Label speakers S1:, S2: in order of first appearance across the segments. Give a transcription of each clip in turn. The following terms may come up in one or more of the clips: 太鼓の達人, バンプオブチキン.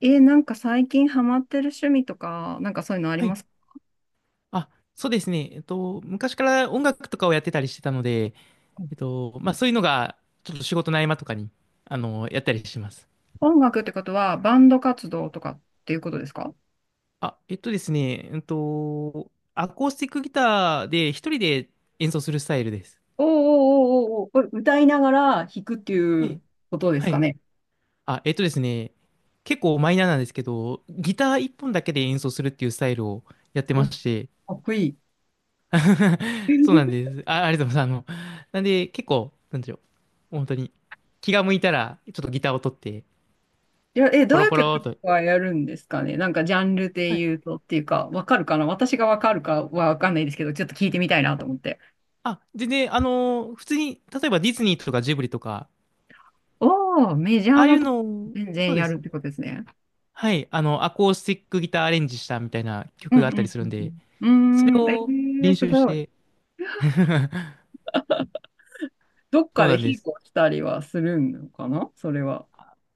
S1: 最近ハマってる趣味とか、そういうのあり
S2: は
S1: ま
S2: い。
S1: すか？
S2: あ、そうですね。昔から音楽とかをやってたりしてたので、まあそういうのが、ちょっと仕事の合間とかに、やったりします。
S1: 音楽ってことは、バンド活動とかっていうことですか？
S2: あ、えっとですね、アコースティックギターで一人で演奏するスタイルです。
S1: おーおーおーおーおー、これ歌いながら弾くってい
S2: え
S1: う
S2: え、
S1: ことです
S2: は
S1: か
S2: い。
S1: ね。
S2: あ、えっとですね、結構マイナーなんですけど、ギター一本だけで演奏するっていうスタイルをやってま
S1: お、か
S2: して、
S1: っこいい。
S2: そうなん です。あ、ありがとうございます。あの、なんで、結構、なんでしょう。本当に、気が向いたら、ちょっとギターを取って、
S1: ど
S2: ポ
S1: う
S2: ロ
S1: いう
S2: ポロー
S1: 曲
S2: と。
S1: はやるんですかね？ジャンルで
S2: はい。
S1: 言うとっていうか、わかるかな、私がわかるかはわかんないですけど、ちょっと聞いてみたいなと思って。
S2: あ、全然、普通に、例えばディズニーとかジブリとか、
S1: おー、メジャ
S2: あ
S1: ー
S2: あい
S1: な
S2: う
S1: とこ
S2: のを、
S1: 全
S2: そ
S1: 然
S2: うで
S1: やる
S2: す
S1: っ
S2: ね。
S1: てことですね。
S2: はい。あの、アコースティックギターアレンジしたみたいな
S1: うん
S2: 曲
S1: う
S2: があったり
S1: ん
S2: す
S1: う
S2: るんで、
S1: んう
S2: それ
S1: ん。
S2: を
S1: ー
S2: 練
S1: す
S2: 習し
S1: ごい。
S2: て、
S1: どっ
S2: そ
S1: か
S2: う
S1: で
S2: なんで
S1: 引っ
S2: す。
S1: 越したりはするのかな、それは。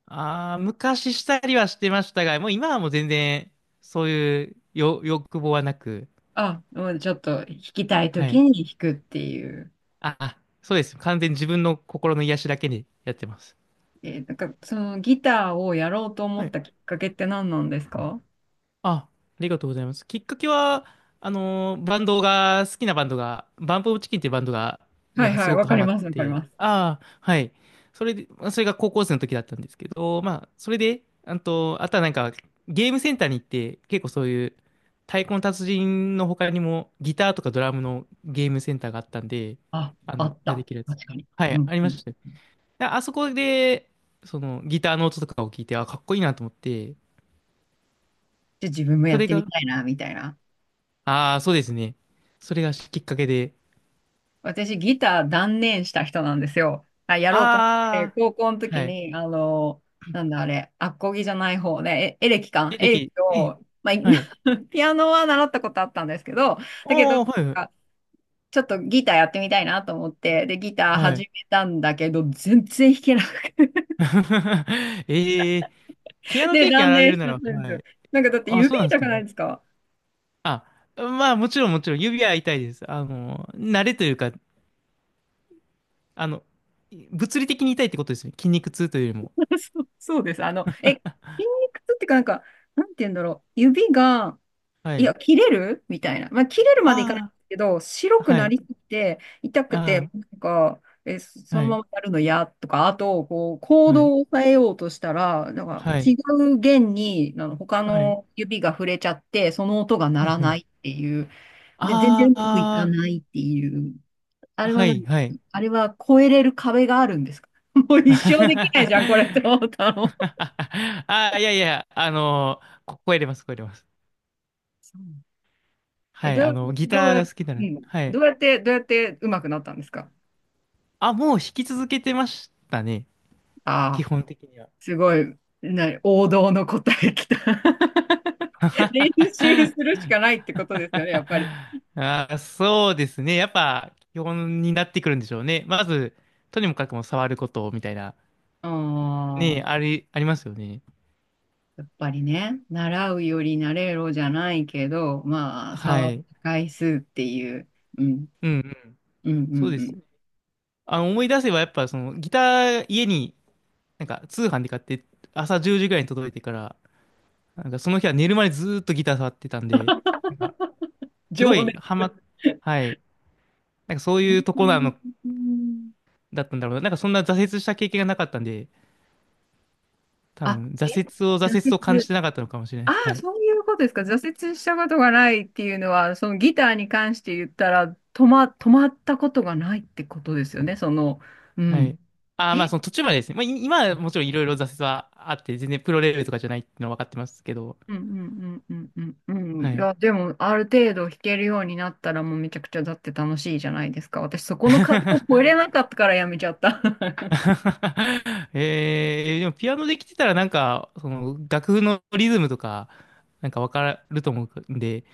S2: ああ、昔したりはしてましたが、もう今はもう全然、そういうよ欲望はなく、
S1: あ、もうちょっと弾きたい
S2: は
S1: 時
S2: い。
S1: に弾くっていう。
S2: あ、そうです。完全に自分の心の癒しだけにやってます。
S1: そのギターをやろうと思
S2: は
S1: っ
S2: い。
S1: たきっかけって何なんですか？
S2: あ、ありがとうございます。きっかけは、バンドが、好きなバンドが、バンプオブチキンっていうバンドが、に
S1: はい
S2: は
S1: は
S2: す
S1: い、
S2: ご
S1: わ
S2: く
S1: か
S2: ハ
S1: り
S2: マっ
S1: ます、わかり
S2: て、
S1: ます。
S2: ああ、はい。それで、まあそれが高校生の時だったんですけど、まあ、それで、あと、あとはなんか、ゲームセンターに行って、結構そういう、太鼓の達人の他にも、ギターとかドラムのゲームセンターがあったんで、
S1: あ、
S2: あ
S1: あ
S2: の、
S1: っ
S2: がで
S1: た。
S2: きるやつ。
S1: 確かに。
S2: は
S1: う
S2: い、
S1: ん
S2: あり
S1: う
S2: ま
S1: ん。
S2: したよ。ああそこで、そのギターの音とかを聞いて、あ、かっこいいなと思って、
S1: じゃあ自分もや
S2: そ
S1: っ
S2: れ
S1: てみ
S2: が、
S1: たいな、みたいな。
S2: ああ、そうですね。それがきっかけで、
S1: 私、ギター断念した人なんですよ。あ、やろうと思って、
S2: ああ、
S1: 高校の時
S2: はい。
S1: に、なんだあれ、アコギじゃない方ね、エレキか、
S2: でで
S1: エレキ
S2: きえ
S1: を、まあ、い
S2: はい。
S1: ピアノは習ったことあったんですけど、だけど、
S2: おー、はい、
S1: かちょっとギターやってみたいなと思って、で、ギター
S2: は
S1: 始
S2: い。
S1: めたんだけど、全然弾けなくて、
S2: ええ、ピアノ
S1: で、
S2: 経験あ
S1: 断
S2: られ
S1: 念
S2: る
S1: し
S2: な
S1: ちゃった
S2: ら、
S1: んです
S2: は
S1: よ。
S2: い。
S1: だって
S2: あ、そう
S1: 指
S2: なんです
S1: 痛
S2: か。
S1: く
S2: は
S1: ない
S2: い。
S1: ですか？
S2: あ、まあ、もちろん、指は痛いです。あの、慣れというか、あの、物理的に痛いってことですね。筋肉痛というよりも。
S1: そう、そうです。筋肉痛っていうか、なんて言うんだろう、指が、
S2: は
S1: いや、
S2: い。
S1: 切れるみたいな。まあ、切れるまでいかないんで
S2: あ
S1: すけど、白
S2: あ、
S1: く
S2: は
S1: な
S2: い。
S1: りすぎて、痛く
S2: あ
S1: て、
S2: あ、
S1: そ
S2: は
S1: のま
S2: い。
S1: まやるの嫌とか、あと、こう、行
S2: はい。
S1: 動を変えようとしたら、なんか
S2: は
S1: 違
S2: い。
S1: う弦に、他
S2: はい。
S1: の指が触れちゃって、その音が鳴
S2: うん
S1: ら
S2: う
S1: ない
S2: ん。
S1: っていう。で、全然うまくいか
S2: あ
S1: ないっていう。あ
S2: あ、
S1: れ
S2: は
S1: は
S2: い、
S1: 何
S2: はい。
S1: あれは越えれる壁があるんですか？ もう一生できないじゃん、これって 思ったの。
S2: ああ、いやいや、あのこ声出ます、声出ます。
S1: そう、え、
S2: はい、
S1: ど
S2: あ
S1: う、
S2: の、ギ
S1: ど
S2: タ
S1: う
S2: ー
S1: や、
S2: が好きな
S1: う
S2: ので、
S1: ん、
S2: はい。
S1: どうやって、どうやってうまくなったんですか？
S2: あ、もう弾き続けてましたね、基
S1: ああ、
S2: 本的には。
S1: すごい、王道の答えきた。練習する しかないってことですよね、やっぱり。
S2: あー、そうですね。やっぱ、基本になってくるんでしょうね。まず、とにもかくも触ることみたいな、
S1: あ
S2: ね、
S1: あ、
S2: あり、ありますよね。
S1: やっぱりね、習うより慣れろじゃないけど、まあ、差
S2: は
S1: は
S2: い。
S1: 回数っていう、うん、
S2: うんうん。
S1: うん、う
S2: そう
S1: ん、
S2: で
S1: う
S2: す。
S1: ん。
S2: あの、思い出せばやっぱそのギター家になんか通販で買って朝10時ぐらいに届いてから、なんかその日は寝るまでずーっとギター触ってたんで、なんかす
S1: 情
S2: ごいハ
S1: 熱。
S2: マっ、はい。なんかそういうと
S1: う
S2: こなの、
S1: ん。
S2: だったんだろうな。なんかそんな挫折した経験がなかったんで、多
S1: あ、
S2: 分挫
S1: え、
S2: 折を挫折
S1: 挫
S2: と感じ
S1: 折。
S2: てなかったのかもしれない
S1: あ
S2: です。は
S1: あ、
S2: い。
S1: そういうことですか。挫折したことがないっていうのは、そのギターに関して言ったら、止まったことがないってことですよね。その、う
S2: は
S1: ん。
S2: い。ああ、まあ
S1: え
S2: その途中までですね。まあい今はもちろんいろいろ挫折はあって、全然プロレベルとかじゃないっていうのは分かってますけど、
S1: うんうんうんうんうんうん。
S2: は
S1: い
S2: い。
S1: や、でも、ある程度弾けるようになったら、もうめちゃくちゃだって楽しいじゃないですか。私、そこの壁を越えれ なかったからやめちゃった。
S2: えー、でもピアノできてたらなんか、その楽譜のリズムとか、なんかわかると思うんで、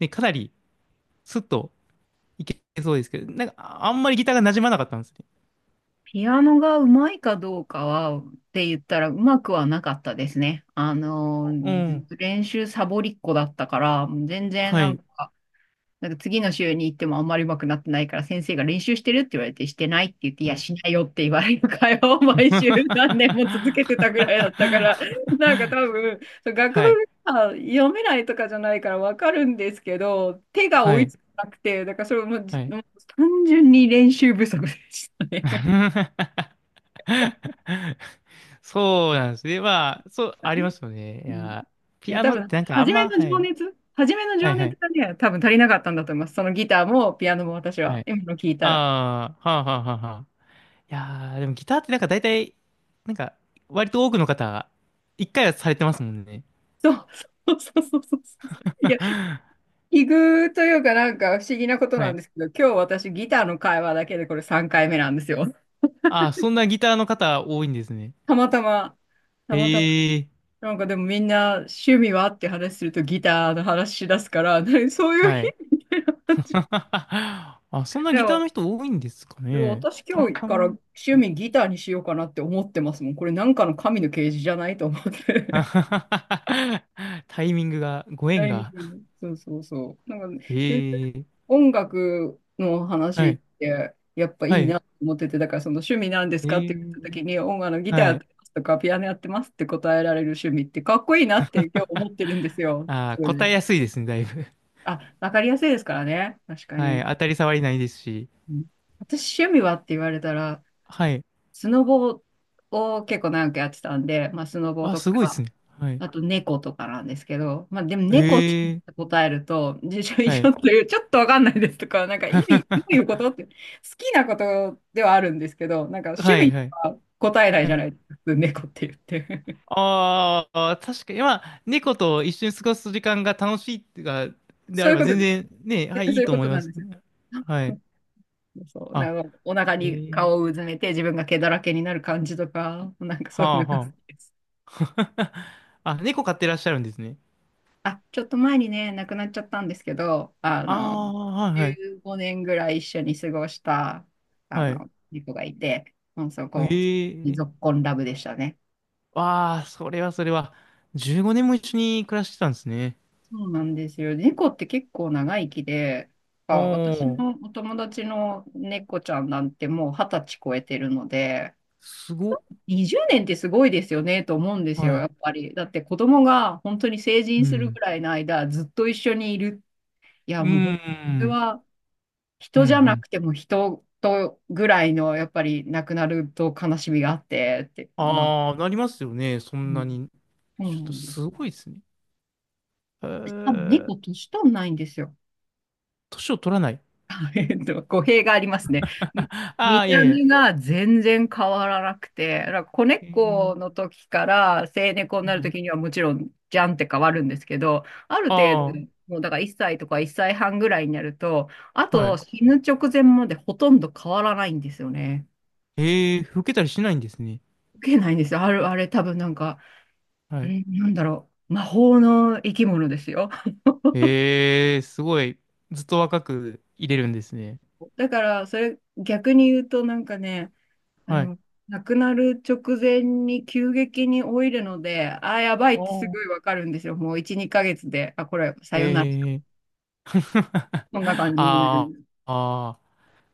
S2: ね、かなりスッといけそうですけど、なんかああんまりギターが馴染まなかったんですね。
S1: ピアノがうまいかどうかはって言ったら、うまくはなかったですね。あの、
S2: うん。
S1: 練習サボりっ子だったから、全然
S2: は
S1: なん
S2: い。
S1: か、なんか次の週に行ってもあんまり上手くなってないから、先生が練習してるって言われて、してないって言って、いや、
S2: はい。
S1: しないよって言われる会話を 毎週何年も続けてたぐらいだったから、なんか多 分、そう、学部
S2: はい。
S1: が読めないとかじゃないからわかるんですけど、手が追
S2: は
S1: い
S2: い。
S1: つかなくて、だからそれもうじ、
S2: はい。
S1: もう単純に練習不足でしたね。
S2: そうなんですね。まあ、そう、ありま すよね。い
S1: うん、い
S2: や、ピ
S1: や、
S2: ア
S1: 多
S2: ノっ
S1: 分、
S2: てなんかあんま、はい。
S1: 初めの
S2: は
S1: 情
S2: いは
S1: 熱
S2: い。
S1: がね、多分足りなかったんだと思います。そのギターもピアノも私
S2: は
S1: は、
S2: い。
S1: 今の聞いたら。
S2: ああ、はあはあはあはあ。いやー、でもギターってなんか大体、なんか、割と多くの方、一回はされてますもんね。
S1: そう、そうそうそうそうそうそういや、奇遇というかなんか不思議なこと
S2: は
S1: なんで
S2: い。
S1: すけど、今日私ギターの会話だけでこれ3回目なんですよ。
S2: ああ、そんなギターの方多いんですね。
S1: たまたま、たまたま、
S2: ええ、
S1: なんかでもみんな趣味はって話するとギターの話し出すから、何そういう
S2: は
S1: 日？
S2: い。あ、そんな
S1: で
S2: ギター
S1: も、
S2: の人多いんですか
S1: でも
S2: ね。
S1: 私
S2: たま
S1: 今日
S2: た
S1: から
S2: ま。
S1: 趣
S2: はい。
S1: 味ギターにしようかなって思ってますもん。これなんかの神の啓示じゃないと思っ て。
S2: タイミングが、ご
S1: タ
S2: 縁
S1: イミン
S2: が。
S1: グね、そうそうそう。なんかね、全然
S2: ええ、
S1: 音楽の
S2: は
S1: 話っ
S2: い。
S1: て、やっぱい
S2: は
S1: い
S2: い。
S1: なと思ってて、だからその趣味なんです
S2: え
S1: かって言った
S2: え、
S1: 時に、音楽のギターや
S2: は
S1: っ
S2: い。
S1: てますとか、ピアノやってますって答えられる趣味って、かっこいいなって今日思ってるんですよ。
S2: ああ、
S1: それ
S2: 答え
S1: で。
S2: やすいですね、だいぶ。
S1: あ、わかりやすいですからね。確か
S2: はい。
S1: に。
S2: 当たり障りないですし。
S1: うん、私、趣味はって言われたら、
S2: はい。
S1: スノボを結構長くやってたんで、まあ、スノボ
S2: あ、
S1: と
S2: すごいです
S1: か、
S2: ね。はい。
S1: あと猫とかなんですけど、まあでも猫って
S2: ええ、
S1: 答えると、辞書以
S2: はい。
S1: 上という、ちょっとわかんないですとか、なんか意味、どういうこと って、好きなことではあるんですけど、なんか趣
S2: はい
S1: 味
S2: はい。
S1: は答えない
S2: は
S1: じゃ
S2: い。
S1: ないですか、普通猫って言って。
S2: ああ、確かに、まあ、猫と一緒に過ごす時間が楽しいってか、であ
S1: そう
S2: れ
S1: いう
S2: ば
S1: こと
S2: 全
S1: です。
S2: 然ね、はい、い
S1: そ
S2: い
S1: ういう
S2: と
S1: こ
S2: 思
S1: と
S2: い
S1: な
S2: ま
S1: ん
S2: す。
S1: ですよ。
S2: はい。
S1: そう、なんかお腹
S2: あ、
S1: に
S2: え
S1: 顔をう
S2: え、
S1: ずめて自分が毛だらけになる感じとか、なんかそ
S2: は
S1: ういう
S2: あ
S1: のが好き
S2: は
S1: です。
S2: あ。あ、猫飼ってらっしゃるんですね。
S1: あ、ちょっと前にね、亡くなっちゃったんですけど、あ
S2: あ
S1: の、
S2: あ、はいはい。
S1: 15年ぐらい一緒に過ごした、あ
S2: はい。
S1: の、猫がいて、もうそこ、
S2: ええ、
S1: ぞっこんラブでしたね。
S2: わあ、それはそれは。15年も一緒に暮らしてたんですね。
S1: そうなんですよ。猫って結構長生きで、
S2: お
S1: あ、私
S2: ー、
S1: のお友達の猫ちゃんなんてもう二十歳超えてるので、
S2: すごっ。
S1: 20年ってすごいですよねと思うんですよ、
S2: はい。
S1: やっぱり。だって子供が本当に成
S2: う
S1: 人するぐ
S2: ん。
S1: らいの間、ずっと一緒にいる。い
S2: う
S1: や、
S2: ー
S1: もう本当にそれ
S2: ん。
S1: は、
S2: うん
S1: 人
S2: う
S1: じゃな
S2: ん。
S1: くても人とぐらいの、やっぱり亡くなると悲しみがあって、って、まあ、
S2: ああ、なりますよね。そ
S1: う
S2: んな
S1: ん、
S2: に。
S1: そう
S2: ちょ
S1: な
S2: っと
S1: んです。
S2: すごいですね。え
S1: しかも
S2: ー、
S1: 猫、年取んないんですよ。
S2: 年を取らない。
S1: えっと、語弊がありますね。み
S2: ああ
S1: 見
S2: ー、いや
S1: た
S2: いや。
S1: 目が全然変わらなくて、だから子
S2: えー、
S1: 猫の時から成猫に
S2: は
S1: なる
S2: い。
S1: 時にはもちろんじゃんって変わるんですけど、ある程
S2: あ
S1: 度、もうだから1歳とか1歳半ぐらいになると、あ
S2: あ、は
S1: と
S2: い。
S1: 死ぬ直前までほとんど変わらないんですよね。
S2: えー、老けたりしないんですね。
S1: 受けないんですよ。あれ多分なんか、
S2: は
S1: あ
S2: い。
S1: れ、なんだろう。魔法の生き物ですよ。
S2: えー、すごい。ずっと若くいれるんですね。
S1: だから、それ逆に言うと、なんかね、あ
S2: はい。
S1: の、亡くなる直前に急激に老いるので、ああ、やばい
S2: あ
S1: ってす
S2: ー、
S1: ごいわかるんですよ。もう1、2ヶ月で、あ、これ、さよなら。
S2: えー。
S1: そんな感じにな
S2: あ
S1: る。
S2: あ、ああ。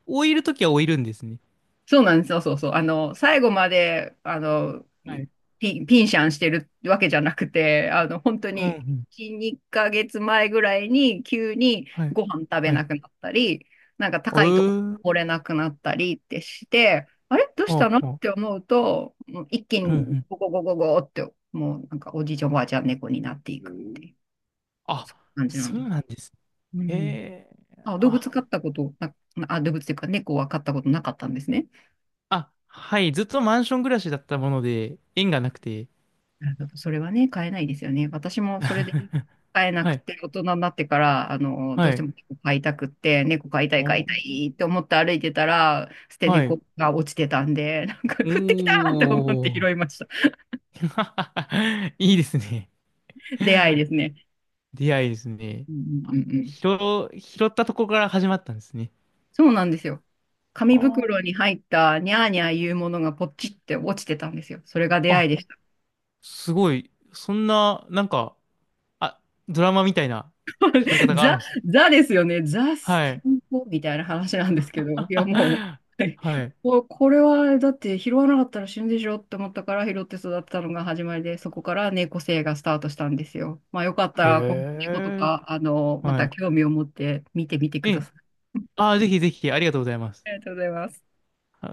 S2: 老いるときは老いるんですね。
S1: そうなんですよ、そうそう。あの、最後まで、あの、
S2: はい。
S1: ピンシャンしてるわけじゃなくて、あの、本当
S2: うん、
S1: に、
S2: うん。
S1: 1、2ヶ月前ぐらいに急に
S2: はい。
S1: ご飯食べ
S2: は
S1: な
S2: い。
S1: くなったり、なんか
S2: え
S1: 高いとこ
S2: ー、
S1: 来れなくなったりってして、あれどうした
S2: は
S1: のっ
S2: あ、はあ。
S1: て思うと、もう一気
S2: うん、う
S1: に
S2: ん。
S1: ゴゴゴゴゴって、もうなんかおじいちゃんおばあちゃん猫になっていくっていう
S2: あ、
S1: 感じなん
S2: そ
S1: で。
S2: うなんです。
S1: う
S2: へ
S1: ん。
S2: え。
S1: あ、動
S2: あ、
S1: 物飼ったことな、あ、動物っていうか猫は飼ったことなかったんですね。
S2: あ、はい。ずっとマンション暮らしだったもので、縁がなくて。
S1: なるほど。それはね、買えないですよね。私もそれで 買えな
S2: は
S1: く
S2: い。
S1: て、大人になってから、あの、ど
S2: は
S1: うして
S2: い。
S1: も猫飼いたくって、猫飼いたい、飼い
S2: お、
S1: たいって思って歩いてたら、捨て
S2: はい。
S1: 猫が落ちてたんで、なんか
S2: お
S1: 降ってきたって思って拾
S2: ー。
S1: いました。
S2: いいですね。
S1: 出会いですね。
S2: 出会いですね。
S1: うんうんう
S2: あ、
S1: んうん。
S2: 拾、拾ったとこから始まったんですね。
S1: そうなんですよ。紙
S2: は
S1: 袋に入ったニャーニャーいうものがポチって落ちてたんですよ。それが
S2: あ。
S1: 出会いで
S2: あ、
S1: した。
S2: すごい。そんな、なんか、あ、ドラマみたいな拾い方 がある
S1: ザ、
S2: んです。
S1: ザですよね。ザス
S2: は
S1: テ
S2: い。
S1: ンポみたいな話なんですけど、いやもう、はい
S2: は い。
S1: これはだって拾わなかったら死ぬでしょって思ったから拾って育てたのが始まりで、そこから猫生がスタートしたんですよ。まあよかった
S2: へ
S1: ら、この猫と
S2: え。
S1: か、あの、ま
S2: は
S1: た
S2: い。
S1: 興味を持って見てみて
S2: え
S1: くだ
S2: え、
S1: さい。
S2: ああ、ぜひぜひ、ありがとうございます。
S1: ありがとうございます。
S2: はい。